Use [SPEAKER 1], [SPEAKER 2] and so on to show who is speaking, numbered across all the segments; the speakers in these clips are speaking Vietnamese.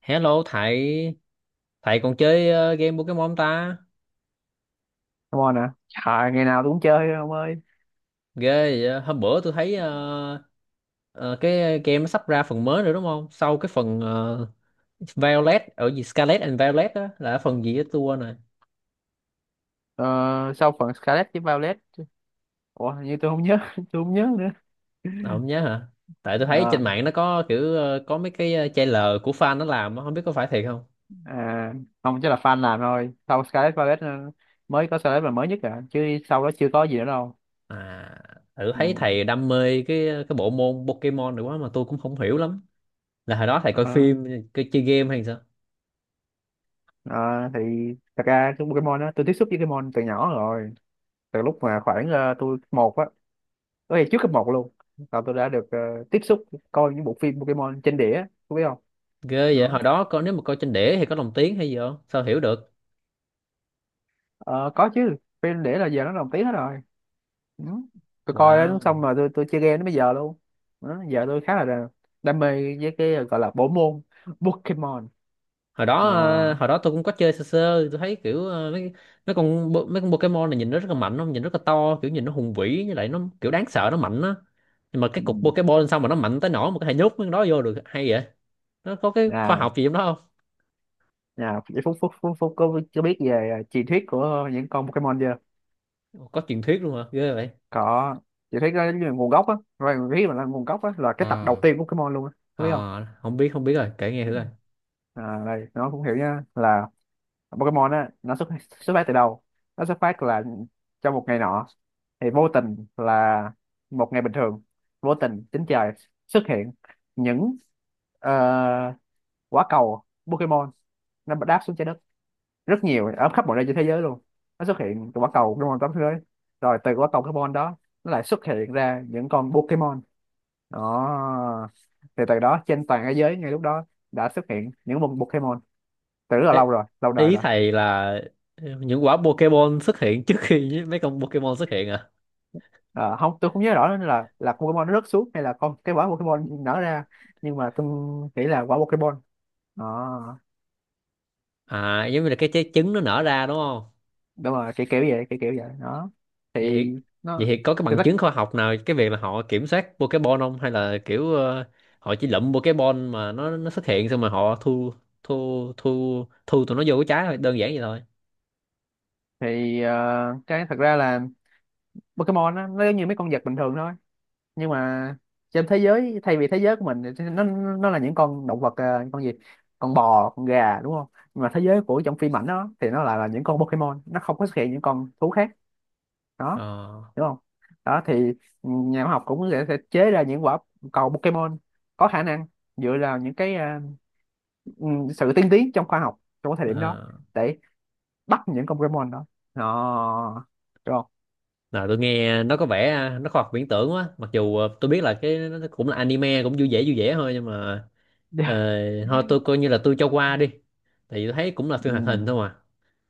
[SPEAKER 1] Hello thầy, thầy còn chơi game Pokemon không ta?
[SPEAKER 2] Come on à Trời, ngày nào tôi cũng chơi ông ơi.
[SPEAKER 1] Ghê vậy á. Hôm bữa tôi thấy ờ, cái game nó sắp ra phần mới rồi đúng không? Sau cái phần Violet ở gì Scarlet and Violet á là phần gì á tôi quên rồi.
[SPEAKER 2] Ờ, Sau phần Scarlet với Violet. Ủa, hình như tôi không nhớ tôi không nhớ nữa.
[SPEAKER 1] Ờ, không nhớ hả? Tại tôi thấy
[SPEAKER 2] Ờ,
[SPEAKER 1] trên mạng nó có kiểu có mấy cái trailer của fan nó làm á, không biết có phải thiệt không?
[SPEAKER 2] à, Không chắc là fan làm thôi. Sau Scarlet Violet, mới có Scarlet là mới nhất à chứ, sau đó chưa có gì nữa đâu.
[SPEAKER 1] À, thử thấy
[SPEAKER 2] Ừ.
[SPEAKER 1] thầy đam mê cái cái bộ môn Pokemon này quá mà tôi cũng không hiểu lắm. Là hồi đó thầy coi
[SPEAKER 2] Ờ,
[SPEAKER 1] phim, coi chơi game hay sao?
[SPEAKER 2] ờ, thì thật ra cái Pokemon đó, tôi tiếp xúc với Pokemon từ nhỏ rồi. Từ lúc mà khoảng tôi cấp một á, có thể trước cấp một luôn, là tôi đã được tiếp xúc, coi những bộ phim Pokemon trên đĩa, có biết không?
[SPEAKER 1] Ghê vậy,
[SPEAKER 2] Đó.
[SPEAKER 1] hồi đó coi nếu mà coi trên đĩa thì có lồng tiếng hay gì không sao hiểu được.
[SPEAKER 2] Ờ, có chứ, phim đĩa là giờ nó lồng tiếng hết rồi. Ừ. Tôi coi đó
[SPEAKER 1] Wow,
[SPEAKER 2] xong rồi tôi chơi game đến bây giờ luôn. Đó, giờ tôi khá là đam, đam mê với cái gọi là bộ môn Pokemon.
[SPEAKER 1] hồi đó
[SPEAKER 2] Ờ.
[SPEAKER 1] hồi đó tôi cũng có chơi sơ sơ, tôi thấy kiểu mấy mấy con bo- mấy con Pokemon này nhìn nó rất là mạnh, không nhìn rất là to, kiểu nhìn nó hùng vĩ với lại nó kiểu đáng sợ, nó mạnh á. Nhưng mà cái
[SPEAKER 2] Ừ.
[SPEAKER 1] cục Pokemon sao mà nó mạnh tới nỗi mà có thể nhốt mấy con đó vô được hay vậy? Nó có cái khoa
[SPEAKER 2] à
[SPEAKER 1] học gì trong đó không?
[SPEAKER 2] à, phúc phúc phúc phúc có biết về truyền thuyết của những con Pokemon chưa?
[SPEAKER 1] Ồ, có truyền thuyết luôn hả, ghê vậy.
[SPEAKER 2] Có. Truyền thuyết đó là nguồn gốc á, rồi truyền thuyết mà là nguồn gốc á là cái tập đầu
[SPEAKER 1] À,
[SPEAKER 2] tiên của Pokemon luôn á, có biết không?
[SPEAKER 1] à, không biết, không biết rồi, kể nghe thử rồi.
[SPEAKER 2] À, đây nó cũng hiểu nha, là Pokemon á, nó xuất xuất phát từ đâu. Nó xuất phát là trong một ngày nọ, thì vô tình là một ngày bình thường, vô tình trên trời xuất hiện những ờ, quả cầu Pokemon. Nó đáp xuống trái đất rất nhiều, ở khắp mọi nơi trên thế giới luôn. Nó xuất hiện từ quả cầu Pokemon tám thế giới, rồi từ quả cầu Pokemon đó, nó lại xuất hiện ra những con Pokemon đó. Thì từ đó trên toàn thế giới, ngay lúc đó đã xuất hiện những con Pokemon từ rất là
[SPEAKER 1] Ê,
[SPEAKER 2] lâu rồi, lâu đời
[SPEAKER 1] ý
[SPEAKER 2] rồi.
[SPEAKER 1] thầy là những quả Pokemon xuất hiện trước khi mấy con Pokemon xuất hiện à?
[SPEAKER 2] Ờ, không, tôi không nhớ rõ nữa là con Pokemon nó rớt xuống hay là con, cái quả Pokemon nở ra, nhưng mà tôi nghĩ là quả Pokemon. Ờ,
[SPEAKER 1] À giống như là cái trái trứng nó nở ra đúng không?
[SPEAKER 2] đúng rồi, kiểu kiểu vậy, kiểu kiểu vậy đó.
[SPEAKER 1] Vậy
[SPEAKER 2] Thì
[SPEAKER 1] thì, vậy
[SPEAKER 2] nó,
[SPEAKER 1] thì có cái
[SPEAKER 2] thì
[SPEAKER 1] bằng
[SPEAKER 2] tất,
[SPEAKER 1] chứng khoa học nào cái việc là họ kiểm soát Pokemon không, hay là kiểu họ chỉ lụm Pokemon mà nó xuất hiện xong mà họ thu, thu tụi nó vô cái trái thôi, đơn giản vậy thôi.
[SPEAKER 2] thì cái thật ra là, Pokemon á, nó giống như mấy con vật bình thường thôi, nhưng mà trên thế giới, thay vì thế giới của mình, thì nó là những con động vật, con gì, con bò, con gà, đúng không? Nhưng mà thế giới của trong phim ảnh đó, thì nó lại là những con Pokemon, nó không có xuất hiện những con thú khác. Đó,
[SPEAKER 1] Ờ,
[SPEAKER 2] đúng không? Đó thì nhà khoa học cũng sẽ chế ra những quả cầu Pokemon có khả năng, dựa vào những cái ừ, sự tiên tiến trong khoa học trong cái thời điểm đó,
[SPEAKER 1] à.
[SPEAKER 2] để bắt những con Pokemon đó. Đó, đúng không?
[SPEAKER 1] Nào tôi nghe nó có vẻ nó khoa học viễn tưởng quá, mặc dù tôi biết là cái nó cũng là anime cũng vui vẻ thôi nhưng mà ờ,
[SPEAKER 2] Dạ.
[SPEAKER 1] thôi tôi coi như là tôi cho qua đi, tại vì tôi thấy cũng là phim hoạt
[SPEAKER 2] Ừ.
[SPEAKER 1] hình thôi mà,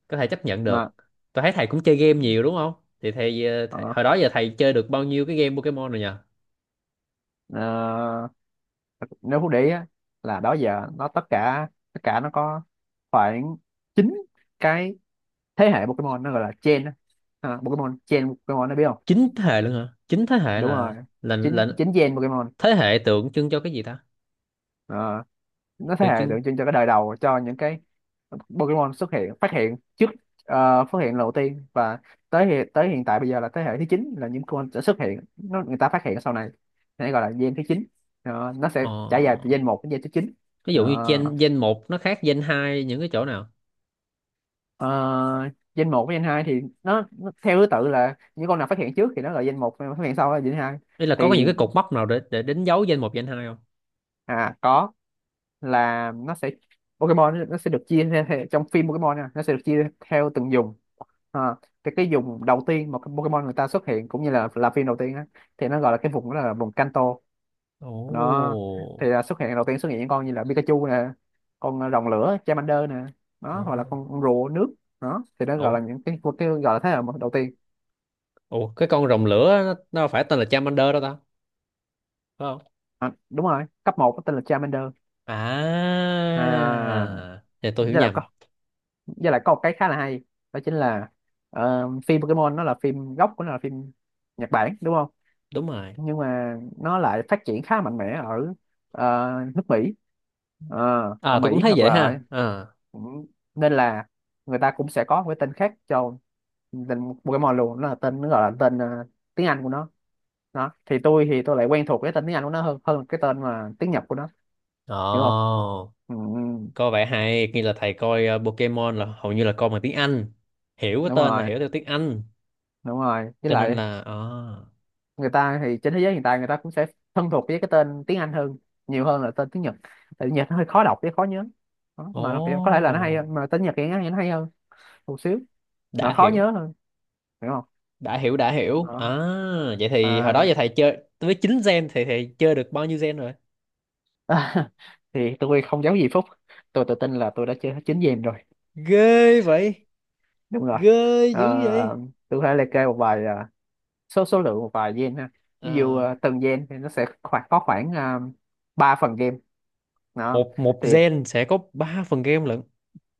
[SPEAKER 1] có thể chấp nhận
[SPEAKER 2] Mà
[SPEAKER 1] được. Tôi thấy thầy cũng chơi game nhiều đúng không? Thì thầy, thầy
[SPEAKER 2] ờ,
[SPEAKER 1] hồi đó giờ thầy chơi được bao nhiêu cái game Pokemon rồi nhờ?
[SPEAKER 2] ờ, nếu Phú để ý á, là đó giờ nó tất cả nó có khoảng 9 cái thế hệ Pokemon, nó gọi là gen á. Ờ, Pokemon gen, Pokemon, nó biết không?
[SPEAKER 1] Chín thế hệ luôn hả, chín thế hệ
[SPEAKER 2] Đúng rồi,
[SPEAKER 1] là là
[SPEAKER 2] chín,
[SPEAKER 1] là
[SPEAKER 2] chín gen Pokemon.
[SPEAKER 1] thế hệ tượng trưng cho cái gì ta?
[SPEAKER 2] Ờ, nó thế
[SPEAKER 1] Tượng
[SPEAKER 2] hệ
[SPEAKER 1] trưng.
[SPEAKER 2] tượng trưng cho cái đời đầu, cho những cái Pokemon xuất hiện, phát hiện trước, phát hiện lần đầu tiên. Và tới hiện tại bây giờ là thế hệ thứ 9, là những con sẽ xuất hiện, nó người ta phát hiện sau này, nên gọi là gen thứ 9. Đó, nó sẽ trải dài từ
[SPEAKER 1] Ờ...
[SPEAKER 2] gen một đến gen thứ 9.
[SPEAKER 1] ví dụ như
[SPEAKER 2] Đó.
[SPEAKER 1] gen gen một nó khác gen hai những cái chỗ nào?
[SPEAKER 2] Ờ, gen một với gen 2 thì nó theo thứ tự là những con nào phát hiện trước thì nó là gen một, phát hiện sau là gen hai.
[SPEAKER 1] Đây là có những
[SPEAKER 2] Thì
[SPEAKER 1] cái cột mốc nào để đánh dấu gen một gen 2 không?
[SPEAKER 2] à, có, là nó sẽ, Pokemon nó sẽ được chia ra theo, trong phim Pokemon nha, nó sẽ được chia theo từng vùng. Ờ, cái vùng đầu tiên mà cái Pokemon người ta xuất hiện, cũng như là phim đầu tiên á, thì nó gọi là cái vùng đó là vùng Kanto. Nó thì
[SPEAKER 1] Ồ.
[SPEAKER 2] là xuất hiện đầu tiên, xuất hiện những con như là Pikachu nè, con rồng lửa Charmander nè, đó, hoặc là
[SPEAKER 1] Ồ.
[SPEAKER 2] con rùa nước. Đó thì nó gọi là
[SPEAKER 1] Ủa,
[SPEAKER 2] những cái gọi là thế hệ đầu tiên.
[SPEAKER 1] ủa, cái con rồng lửa nó phải tên là Charmander đó ta, phải không?
[SPEAKER 2] À, đúng rồi, cấp một có tên là Charmander. À,
[SPEAKER 1] À, thì tôi hiểu
[SPEAKER 2] với là có,
[SPEAKER 1] nhầm.
[SPEAKER 2] với lại có một cái khá là hay, đó chính là phim Pokemon, nó là phim gốc của nó là phim Nhật Bản, đúng không?
[SPEAKER 1] Đúng rồi.
[SPEAKER 2] Nhưng mà nó lại phát triển khá mạnh mẽ ở ờ, nước Mỹ. Ờ, ở
[SPEAKER 1] À tôi cũng
[SPEAKER 2] Mỹ
[SPEAKER 1] thấy
[SPEAKER 2] hoặc
[SPEAKER 1] vậy
[SPEAKER 2] là
[SPEAKER 1] ha. À.
[SPEAKER 2] cũng, nên là người ta cũng sẽ có một cái tên khác cho tên Pokemon luôn, nó là tên, nó gọi là tên tiếng Anh của nó. Đó thì tôi, thì tôi lại quen thuộc cái tên tiếng Anh của nó hơn, hơn cái tên mà tiếng Nhật của nó,
[SPEAKER 1] Ồ,
[SPEAKER 2] hiểu không? Ừ, ừ,
[SPEAKER 1] coi vậy hay, như là thầy coi Pokemon là hầu như là coi bằng tiếng Anh. Hiểu cái
[SPEAKER 2] đúng
[SPEAKER 1] tên là
[SPEAKER 2] rồi,
[SPEAKER 1] hiểu theo tiếng Anh,
[SPEAKER 2] đúng rồi. Với
[SPEAKER 1] cho nên
[SPEAKER 2] lại
[SPEAKER 1] là à.
[SPEAKER 2] người ta, thì trên thế giới hiện tại, người ta cũng sẽ thân thuộc với cái tên tiếng Anh hơn, nhiều hơn là tên tiếng Nhật. Tại Nhật nó hơi khó đọc với khó nhớ, đó, mà nó có thể là nó hay
[SPEAKER 1] Ồ,
[SPEAKER 2] hơn, mà tên Nhật thì nó hay hơn một xíu, mà
[SPEAKER 1] đã
[SPEAKER 2] khó
[SPEAKER 1] hiểu,
[SPEAKER 2] nhớ hơn, hiểu không?
[SPEAKER 1] đã hiểu, đã hiểu. À,
[SPEAKER 2] Đó.
[SPEAKER 1] vậy thì hồi
[SPEAKER 2] À,
[SPEAKER 1] đó giờ thầy chơi với 9 gen thì thầy chơi được bao nhiêu gen rồi?
[SPEAKER 2] thì tôi không giấu gì Phúc, tôi tự tin là tôi đã chơi hết 9 game rồi.
[SPEAKER 1] Ghê vậy,
[SPEAKER 2] Đúng rồi.
[SPEAKER 1] ghê
[SPEAKER 2] Ờ,
[SPEAKER 1] dữ vậy.
[SPEAKER 2] tôi có thể liệt kê một vài số số lượng một vài gen, ha. Ví dụ
[SPEAKER 1] À,
[SPEAKER 2] từng gen thì nó sẽ khoảng có khoảng uh, 3 phần game. Đó
[SPEAKER 1] một một
[SPEAKER 2] thì
[SPEAKER 1] gen sẽ có 3 phần game lận.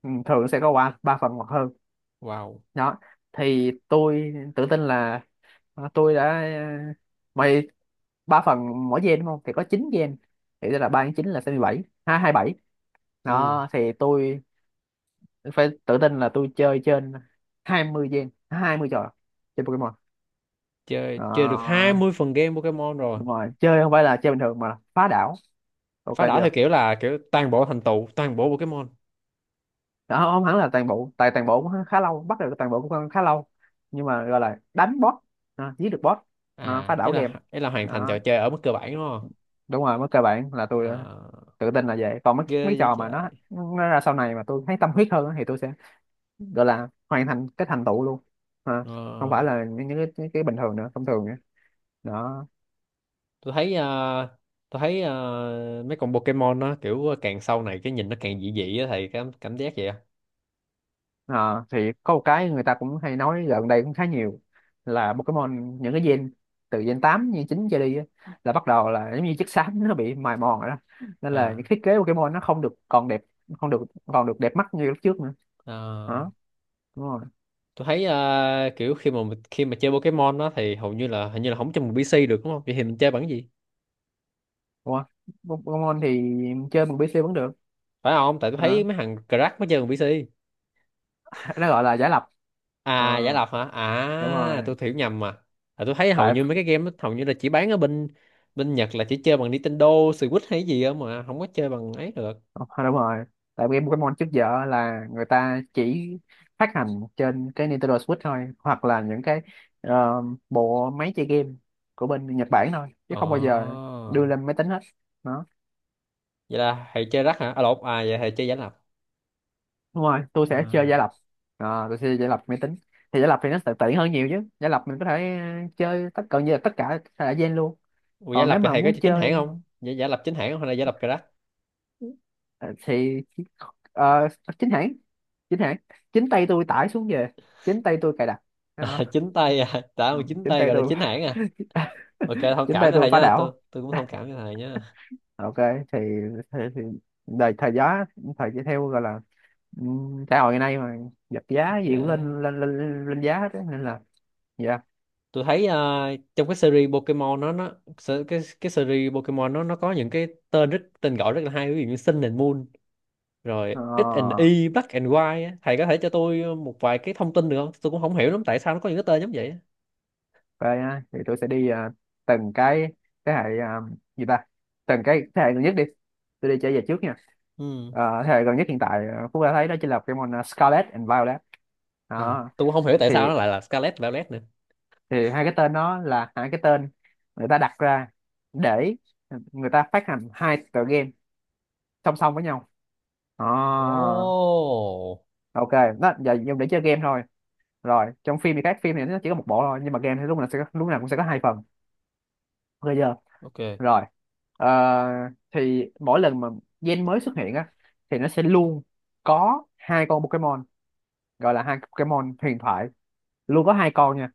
[SPEAKER 2] ừ, thường sẽ có qua ba phần hoặc hơn.
[SPEAKER 1] Wow.
[SPEAKER 2] Đó thì tôi tự tin là tôi đã mày, ba phần mỗi gen, đúng không, thì có 9 gen, thì tức là 3 nhân 9 là 67, hai hai bảy.
[SPEAKER 1] Ồ,
[SPEAKER 2] Đó thì tôi phải tự tin là tôi chơi trên 20 gen, 20 trò trên Pokemon.
[SPEAKER 1] chơi, chơi được hai
[SPEAKER 2] Đó,
[SPEAKER 1] mươi phần game Pokemon rồi.
[SPEAKER 2] đúng rồi, chơi không phải là chơi bình thường, mà là phá đảo, ok
[SPEAKER 1] Phá đảo
[SPEAKER 2] chưa?
[SPEAKER 1] theo kiểu là kiểu toàn bộ thành tựu toàn bộ Pokemon
[SPEAKER 2] Đó, không hẳn là toàn bộ, tại toàn bộ cũng khá lâu, bắt được toàn bộ cũng khá lâu, nhưng mà gọi là đánh boss. À, giết được boss. À, phá
[SPEAKER 1] à? Ý
[SPEAKER 2] đảo
[SPEAKER 1] là,
[SPEAKER 2] game.
[SPEAKER 1] ý là hoàn thành trò
[SPEAKER 2] Đó,
[SPEAKER 1] chơi ở mức cơ bản đúng không?
[SPEAKER 2] đúng rồi, mức cơ bản là tôi đã
[SPEAKER 1] Ờ,
[SPEAKER 2] tự tin là vậy. Còn mấy
[SPEAKER 1] ghê
[SPEAKER 2] mấy
[SPEAKER 1] vậy
[SPEAKER 2] trò mà
[SPEAKER 1] trời.
[SPEAKER 2] nó ra sau này mà tôi thấy tâm huyết hơn á, thì tôi sẽ gọi là hoàn thành cái thành tựu luôn. À,
[SPEAKER 1] Ờ,
[SPEAKER 2] không phải là những, những cái bình thường nữa, thông thường nữa. Đó.
[SPEAKER 1] tôi thấy tôi thấy mấy con Pokemon nó kiểu càng sau này cái nhìn nó càng dị dị á, thầy cảm, cảm giác vậy á.
[SPEAKER 2] Ờ, thì có một cái người ta cũng hay nói gần đây cũng khá nhiều, là Pokemon những cái gen từ gen 8, gen 9 trở đi á, là bắt đầu là giống như chất xám nó bị mài mòn rồi, đó nên là những
[SPEAKER 1] À
[SPEAKER 2] thiết kế Pokemon nó không được còn đẹp, không được còn được đẹp mắt như lúc trước nữa.
[SPEAKER 1] ờ,
[SPEAKER 2] Đó. Đúng rồi.
[SPEAKER 1] tôi thấy kiểu khi mà khi mà chơi Pokemon đó thì hầu như là hình như là không chơi bằng PC được đúng không, vậy thì mình chơi bằng cái gì?
[SPEAKER 2] Ủa, Pokemon thì chơi bằng PC vẫn được.
[SPEAKER 1] Phải không, tại tôi thấy
[SPEAKER 2] Hả?
[SPEAKER 1] mấy thằng crack mới chơi bằng PC.
[SPEAKER 2] Nó gọi là giả lập. Ờ,
[SPEAKER 1] À giải độc hả?
[SPEAKER 2] đúng
[SPEAKER 1] À
[SPEAKER 2] rồi.
[SPEAKER 1] tôi hiểu nhầm mà. À, tôi thấy hầu
[SPEAKER 2] Tại
[SPEAKER 1] như mấy cái game đó, hầu như là chỉ bán ở bên, bên Nhật là chỉ chơi bằng Nintendo, Switch hay gì không mà không có chơi bằng ấy được.
[SPEAKER 2] ờ, đúng rồi, tại game Pokemon trước giờ là người ta chỉ phát hành trên cái Nintendo Switch thôi, hoặc là những cái ờ, bộ máy chơi game của bên Nhật Bản thôi, chứ
[SPEAKER 1] Ồ.
[SPEAKER 2] không bao giờ đưa lên máy tính hết. Đó.
[SPEAKER 1] Vậy là thầy chơi rắc hả? À lộn, à vậy thầy chơi giải lập.
[SPEAKER 2] Đúng rồi, tôi sẽ chơi giả
[SPEAKER 1] À.
[SPEAKER 2] lập. Ờ, tôi sẽ chơi giả lập máy tính. Thì giả lập thì nó sẽ tiện hơn nhiều chứ. Giả lập mình có thể chơi tất cả, như là tất cả thể loại gen luôn.
[SPEAKER 1] Ủa, giải
[SPEAKER 2] Còn
[SPEAKER 1] lập
[SPEAKER 2] nếu
[SPEAKER 1] thì
[SPEAKER 2] mà
[SPEAKER 1] thầy có
[SPEAKER 2] muốn
[SPEAKER 1] chơi chính hãng
[SPEAKER 2] chơi,
[SPEAKER 1] không? Giải, giải lập chính hãng không hay là giải lập cà rắc?
[SPEAKER 2] Ờ, thì ờ, chính hãng, chính hãng, chính tay tôi tải xuống về, chính tay tôi cài đặt.
[SPEAKER 1] À, chính tay à, đã
[SPEAKER 2] Ờ,
[SPEAKER 1] mà chính
[SPEAKER 2] chính
[SPEAKER 1] tay
[SPEAKER 2] tay
[SPEAKER 1] gọi là
[SPEAKER 2] tôi
[SPEAKER 1] chính hãng à. Ok, thông
[SPEAKER 2] chính
[SPEAKER 1] cảm
[SPEAKER 2] tay
[SPEAKER 1] cho
[SPEAKER 2] tôi
[SPEAKER 1] thầy
[SPEAKER 2] phá
[SPEAKER 1] nha, tôi
[SPEAKER 2] đảo,
[SPEAKER 1] tôi cũng thông cảm cho thầy nha.
[SPEAKER 2] ok. Thì thì đời thời giá, thời giá theo gọi là xã hội ngày nay mà, vật giá
[SPEAKER 1] Ok.
[SPEAKER 2] gì cũng lên lên lên, lên giá hết á, nên là dạ.
[SPEAKER 1] Tôi thấy trong cái series Pokemon cái series Pokemon nó có những cái tên rất tên gọi rất là hay, ví dụ như Sun and Moon rồi
[SPEAKER 2] Ờ,
[SPEAKER 1] X and Y Black and White á. Thầy có thể cho tôi một vài cái thông tin được không, tôi cũng không hiểu lắm tại sao nó có những cái tên giống vậy á.
[SPEAKER 2] vậy á, thì tôi sẽ đi từng cái thế hệ, gì ta, từng cái thế hệ gần nhất đi, tôi đi trở về trước nha.
[SPEAKER 1] Ừ.
[SPEAKER 2] Ờ, thế hệ gần nhất hiện tại, à, Phú đã thấy đó chính là Pokemon, à, Scarlet and Violet.
[SPEAKER 1] À
[SPEAKER 2] Đó
[SPEAKER 1] tôi cũng không hiểu tại sao
[SPEAKER 2] thì
[SPEAKER 1] nó lại là Scarlet Violet nữa.
[SPEAKER 2] thì hai cái tên đó là hai cái tên người ta đặt ra để người ta phát hành hai tựa game song song với nhau. À,
[SPEAKER 1] Ồ,
[SPEAKER 2] ok. Đó giờ dùng để chơi game thôi, rồi trong phim thì khác, phim thì nó chỉ có một bộ thôi, nhưng mà game thì lúc nào sẽ có, lúc nào cũng sẽ có hai phần, ok chưa?
[SPEAKER 1] ok,
[SPEAKER 2] Rồi ờ, thì mỗi lần mà gen mới xuất hiện á, thì nó sẽ luôn có hai con Pokemon, gọi là hai Pokemon huyền thoại, luôn có hai con nha,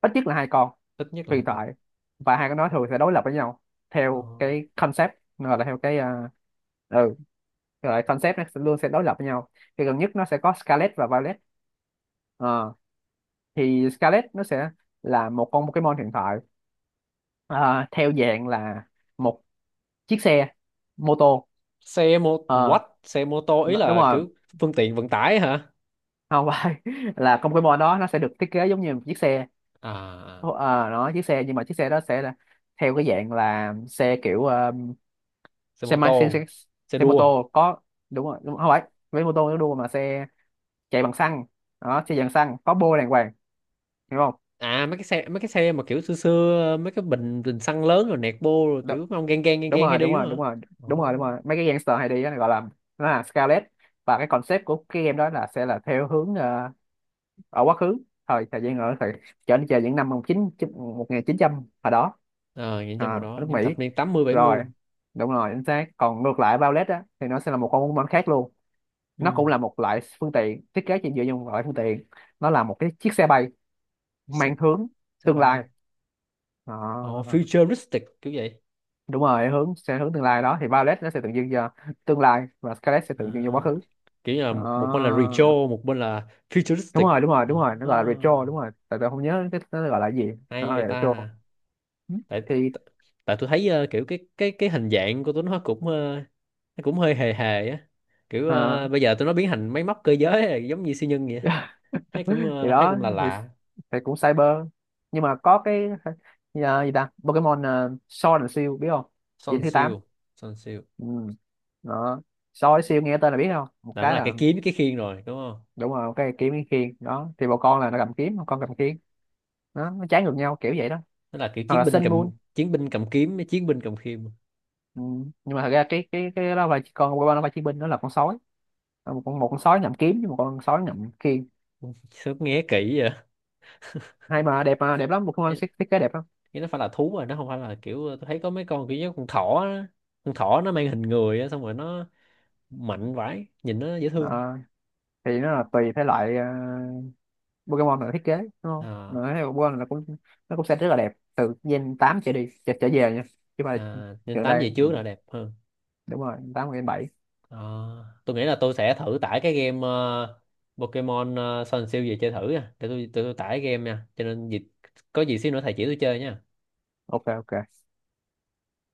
[SPEAKER 2] ít nhất là hai con
[SPEAKER 1] ít nhất là
[SPEAKER 2] huyền
[SPEAKER 1] 2 con.
[SPEAKER 2] thoại. Và hai con đó thường sẽ đối lập với nhau
[SPEAKER 1] Ờ.
[SPEAKER 2] theo cái concept, gọi là theo cái ừ gọi là concept, nó sẽ luôn sẽ đối lập với nhau. Thì gần nhất nó sẽ có Scarlet và Violet. Ờ, thì Scarlet nó sẽ là một con Pokemon hiện tại ờ, theo dạng là một chiếc xe mô tô.
[SPEAKER 1] Xe mô
[SPEAKER 2] ờ
[SPEAKER 1] what, xe mô tô ý
[SPEAKER 2] Đúng
[SPEAKER 1] là
[SPEAKER 2] rồi,
[SPEAKER 1] kiểu phương tiện vận tải hả?
[SPEAKER 2] không phải là trong cái mô đó nó sẽ được thiết kế giống như một chiếc xe.
[SPEAKER 1] À, à,
[SPEAKER 2] Nó chiếc xe, nhưng mà chiếc xe đó sẽ là theo cái dạng là xe kiểu,
[SPEAKER 1] xe
[SPEAKER 2] xe
[SPEAKER 1] mô
[SPEAKER 2] máy, xe,
[SPEAKER 1] tô
[SPEAKER 2] xe,
[SPEAKER 1] xe
[SPEAKER 2] xe mô
[SPEAKER 1] đua.
[SPEAKER 2] tô có, đúng rồi, đúng, không phải với mô tô nó đua, mà xe chạy bằng xăng. Đó, xe dạng xăng có bô đàng hoàng, hiểu không?
[SPEAKER 1] À mấy cái xe, mấy cái xe mà kiểu xưa xưa mấy cái bình, bình xăng lớn rồi nẹt bô rồi
[SPEAKER 2] Đúng,
[SPEAKER 1] kiểu mấy ông gang gang gang
[SPEAKER 2] đúng
[SPEAKER 1] gang hay
[SPEAKER 2] rồi, đúng
[SPEAKER 1] đi đúng
[SPEAKER 2] rồi,
[SPEAKER 1] không hả?
[SPEAKER 2] đúng rồi, đúng rồi, đúng
[SPEAKER 1] Ồ.
[SPEAKER 2] rồi, mấy cái gangster hay đi đó, gọi là nó là scarlet. Và cái concept của cái game đó là sẽ là theo hướng ở quá khứ, thời thời gian ở thời trở đi, chờ những năm một chín, một nghìn chín trăm, hồi đó.
[SPEAKER 1] Ờ những
[SPEAKER 2] À,
[SPEAKER 1] trong
[SPEAKER 2] ở
[SPEAKER 1] đó
[SPEAKER 2] nước
[SPEAKER 1] những
[SPEAKER 2] Mỹ
[SPEAKER 1] thập niên 80
[SPEAKER 2] rồi.
[SPEAKER 1] 70.
[SPEAKER 2] Đúng rồi, chính xác. Còn ngược lại Violet á, thì nó sẽ là một con bóng bóng khác luôn. Nó cũng
[SPEAKER 1] Ừ.
[SPEAKER 2] là một loại phương tiện, thiết kế chỉ dựa trên một loại phương tiện. Nó là một cái chiếc xe bay
[SPEAKER 1] Xe,
[SPEAKER 2] mang hướng
[SPEAKER 1] xe
[SPEAKER 2] tương
[SPEAKER 1] bay.
[SPEAKER 2] lai.
[SPEAKER 1] Ồ,
[SPEAKER 2] À,
[SPEAKER 1] futuristic kiểu vậy.
[SPEAKER 2] đúng rồi, hướng sẽ hướng tương lai. Đó thì Violet nó sẽ tượng trưng cho tương lai, và Scarlet sẽ
[SPEAKER 1] À.
[SPEAKER 2] tượng trưng cho quá khứ.
[SPEAKER 1] Kiểu như là
[SPEAKER 2] À,
[SPEAKER 1] một, một bên là retro một bên là
[SPEAKER 2] đúng
[SPEAKER 1] futuristic
[SPEAKER 2] rồi, đúng rồi,
[SPEAKER 1] đó.
[SPEAKER 2] đúng rồi, nó gọi là retro, đúng rồi. Tại tôi không nhớ cái nó gọi là gì. Nó
[SPEAKER 1] Hay
[SPEAKER 2] gọi
[SPEAKER 1] vậy
[SPEAKER 2] là retro.
[SPEAKER 1] ta.
[SPEAKER 2] Ừ.
[SPEAKER 1] tại
[SPEAKER 2] Thì
[SPEAKER 1] tại tại tôi thấy kiểu cái hình dạng của tụi nó cũng nó cũng hơi hề hề á, kiểu
[SPEAKER 2] Ờ.
[SPEAKER 1] bây giờ tụi nó biến thành máy móc cơ giới giống như siêu nhân vậy. Hay cũng
[SPEAKER 2] Thì
[SPEAKER 1] hay
[SPEAKER 2] đó
[SPEAKER 1] cũng là lạ.
[SPEAKER 2] thì cũng cyber, nhưng mà có cái gì ta, Pokemon Sword and Shield biết không?
[SPEAKER 1] Son
[SPEAKER 2] Diễm thứ tám.
[SPEAKER 1] siêu, son siêu
[SPEAKER 2] Ừ. Đó, Sword and Shield nghe tên là biết không, một
[SPEAKER 1] là nó
[SPEAKER 2] cái
[SPEAKER 1] là cái
[SPEAKER 2] là
[SPEAKER 1] kiếm cái khiên rồi đúng không?
[SPEAKER 2] đúng rồi, một cái kiếm cái khiên. Đó thì một con là nó cầm kiếm, một con cầm khiên. Đó, nó trái ngược nhau kiểu vậy đó.
[SPEAKER 1] Nó là kiểu
[SPEAKER 2] Hoặc
[SPEAKER 1] chiến
[SPEAKER 2] là
[SPEAKER 1] binh
[SPEAKER 2] Sun
[SPEAKER 1] cầm,
[SPEAKER 2] Moon.
[SPEAKER 1] chiến binh cầm kiếm với chiến binh cầm khiên.
[SPEAKER 2] Ừ. Nhưng mà thật ra cái đó là chỉ, con Pokemon đó là chiến binh, nó là con sói. Ờ, một con, một con sói ngậm kiếm với một con sói ngậm khiên.
[SPEAKER 1] Sớm nghe kỹ vậy.
[SPEAKER 2] Hay mà đẹp, mà đẹp lắm, một con
[SPEAKER 1] Ê,
[SPEAKER 2] thiết, thiết kế đẹp lắm.
[SPEAKER 1] cái nó phải là thú rồi, nó không phải là kiểu tôi thấy có mấy con kiểu như con thỏ á. Con thỏ nó mang hình người á, xong rồi nó mạnh vãi, nhìn nó dễ
[SPEAKER 2] Ờ,
[SPEAKER 1] thương.
[SPEAKER 2] thì nó là tùy thể loại Pokemon là thiết kế, đúng không,
[SPEAKER 1] À,
[SPEAKER 2] mà thấy Pokemon là cũng, nó cũng sẽ rất là đẹp từ gen 8 trở đi, trở, trở về nha. Chứ mà
[SPEAKER 1] à, nên
[SPEAKER 2] gần
[SPEAKER 1] tám
[SPEAKER 2] đây,
[SPEAKER 1] về trước là đẹp hơn.
[SPEAKER 2] đúng rồi, tám, gen 7.
[SPEAKER 1] À, tôi nghĩ là tôi sẽ thử tải cái game Pokemon Sun Shield về chơi thử nha, để tôi tải game nha, cho nên dịp có gì xíu nữa thầy chỉ tôi chơi nha.
[SPEAKER 2] Ok ok.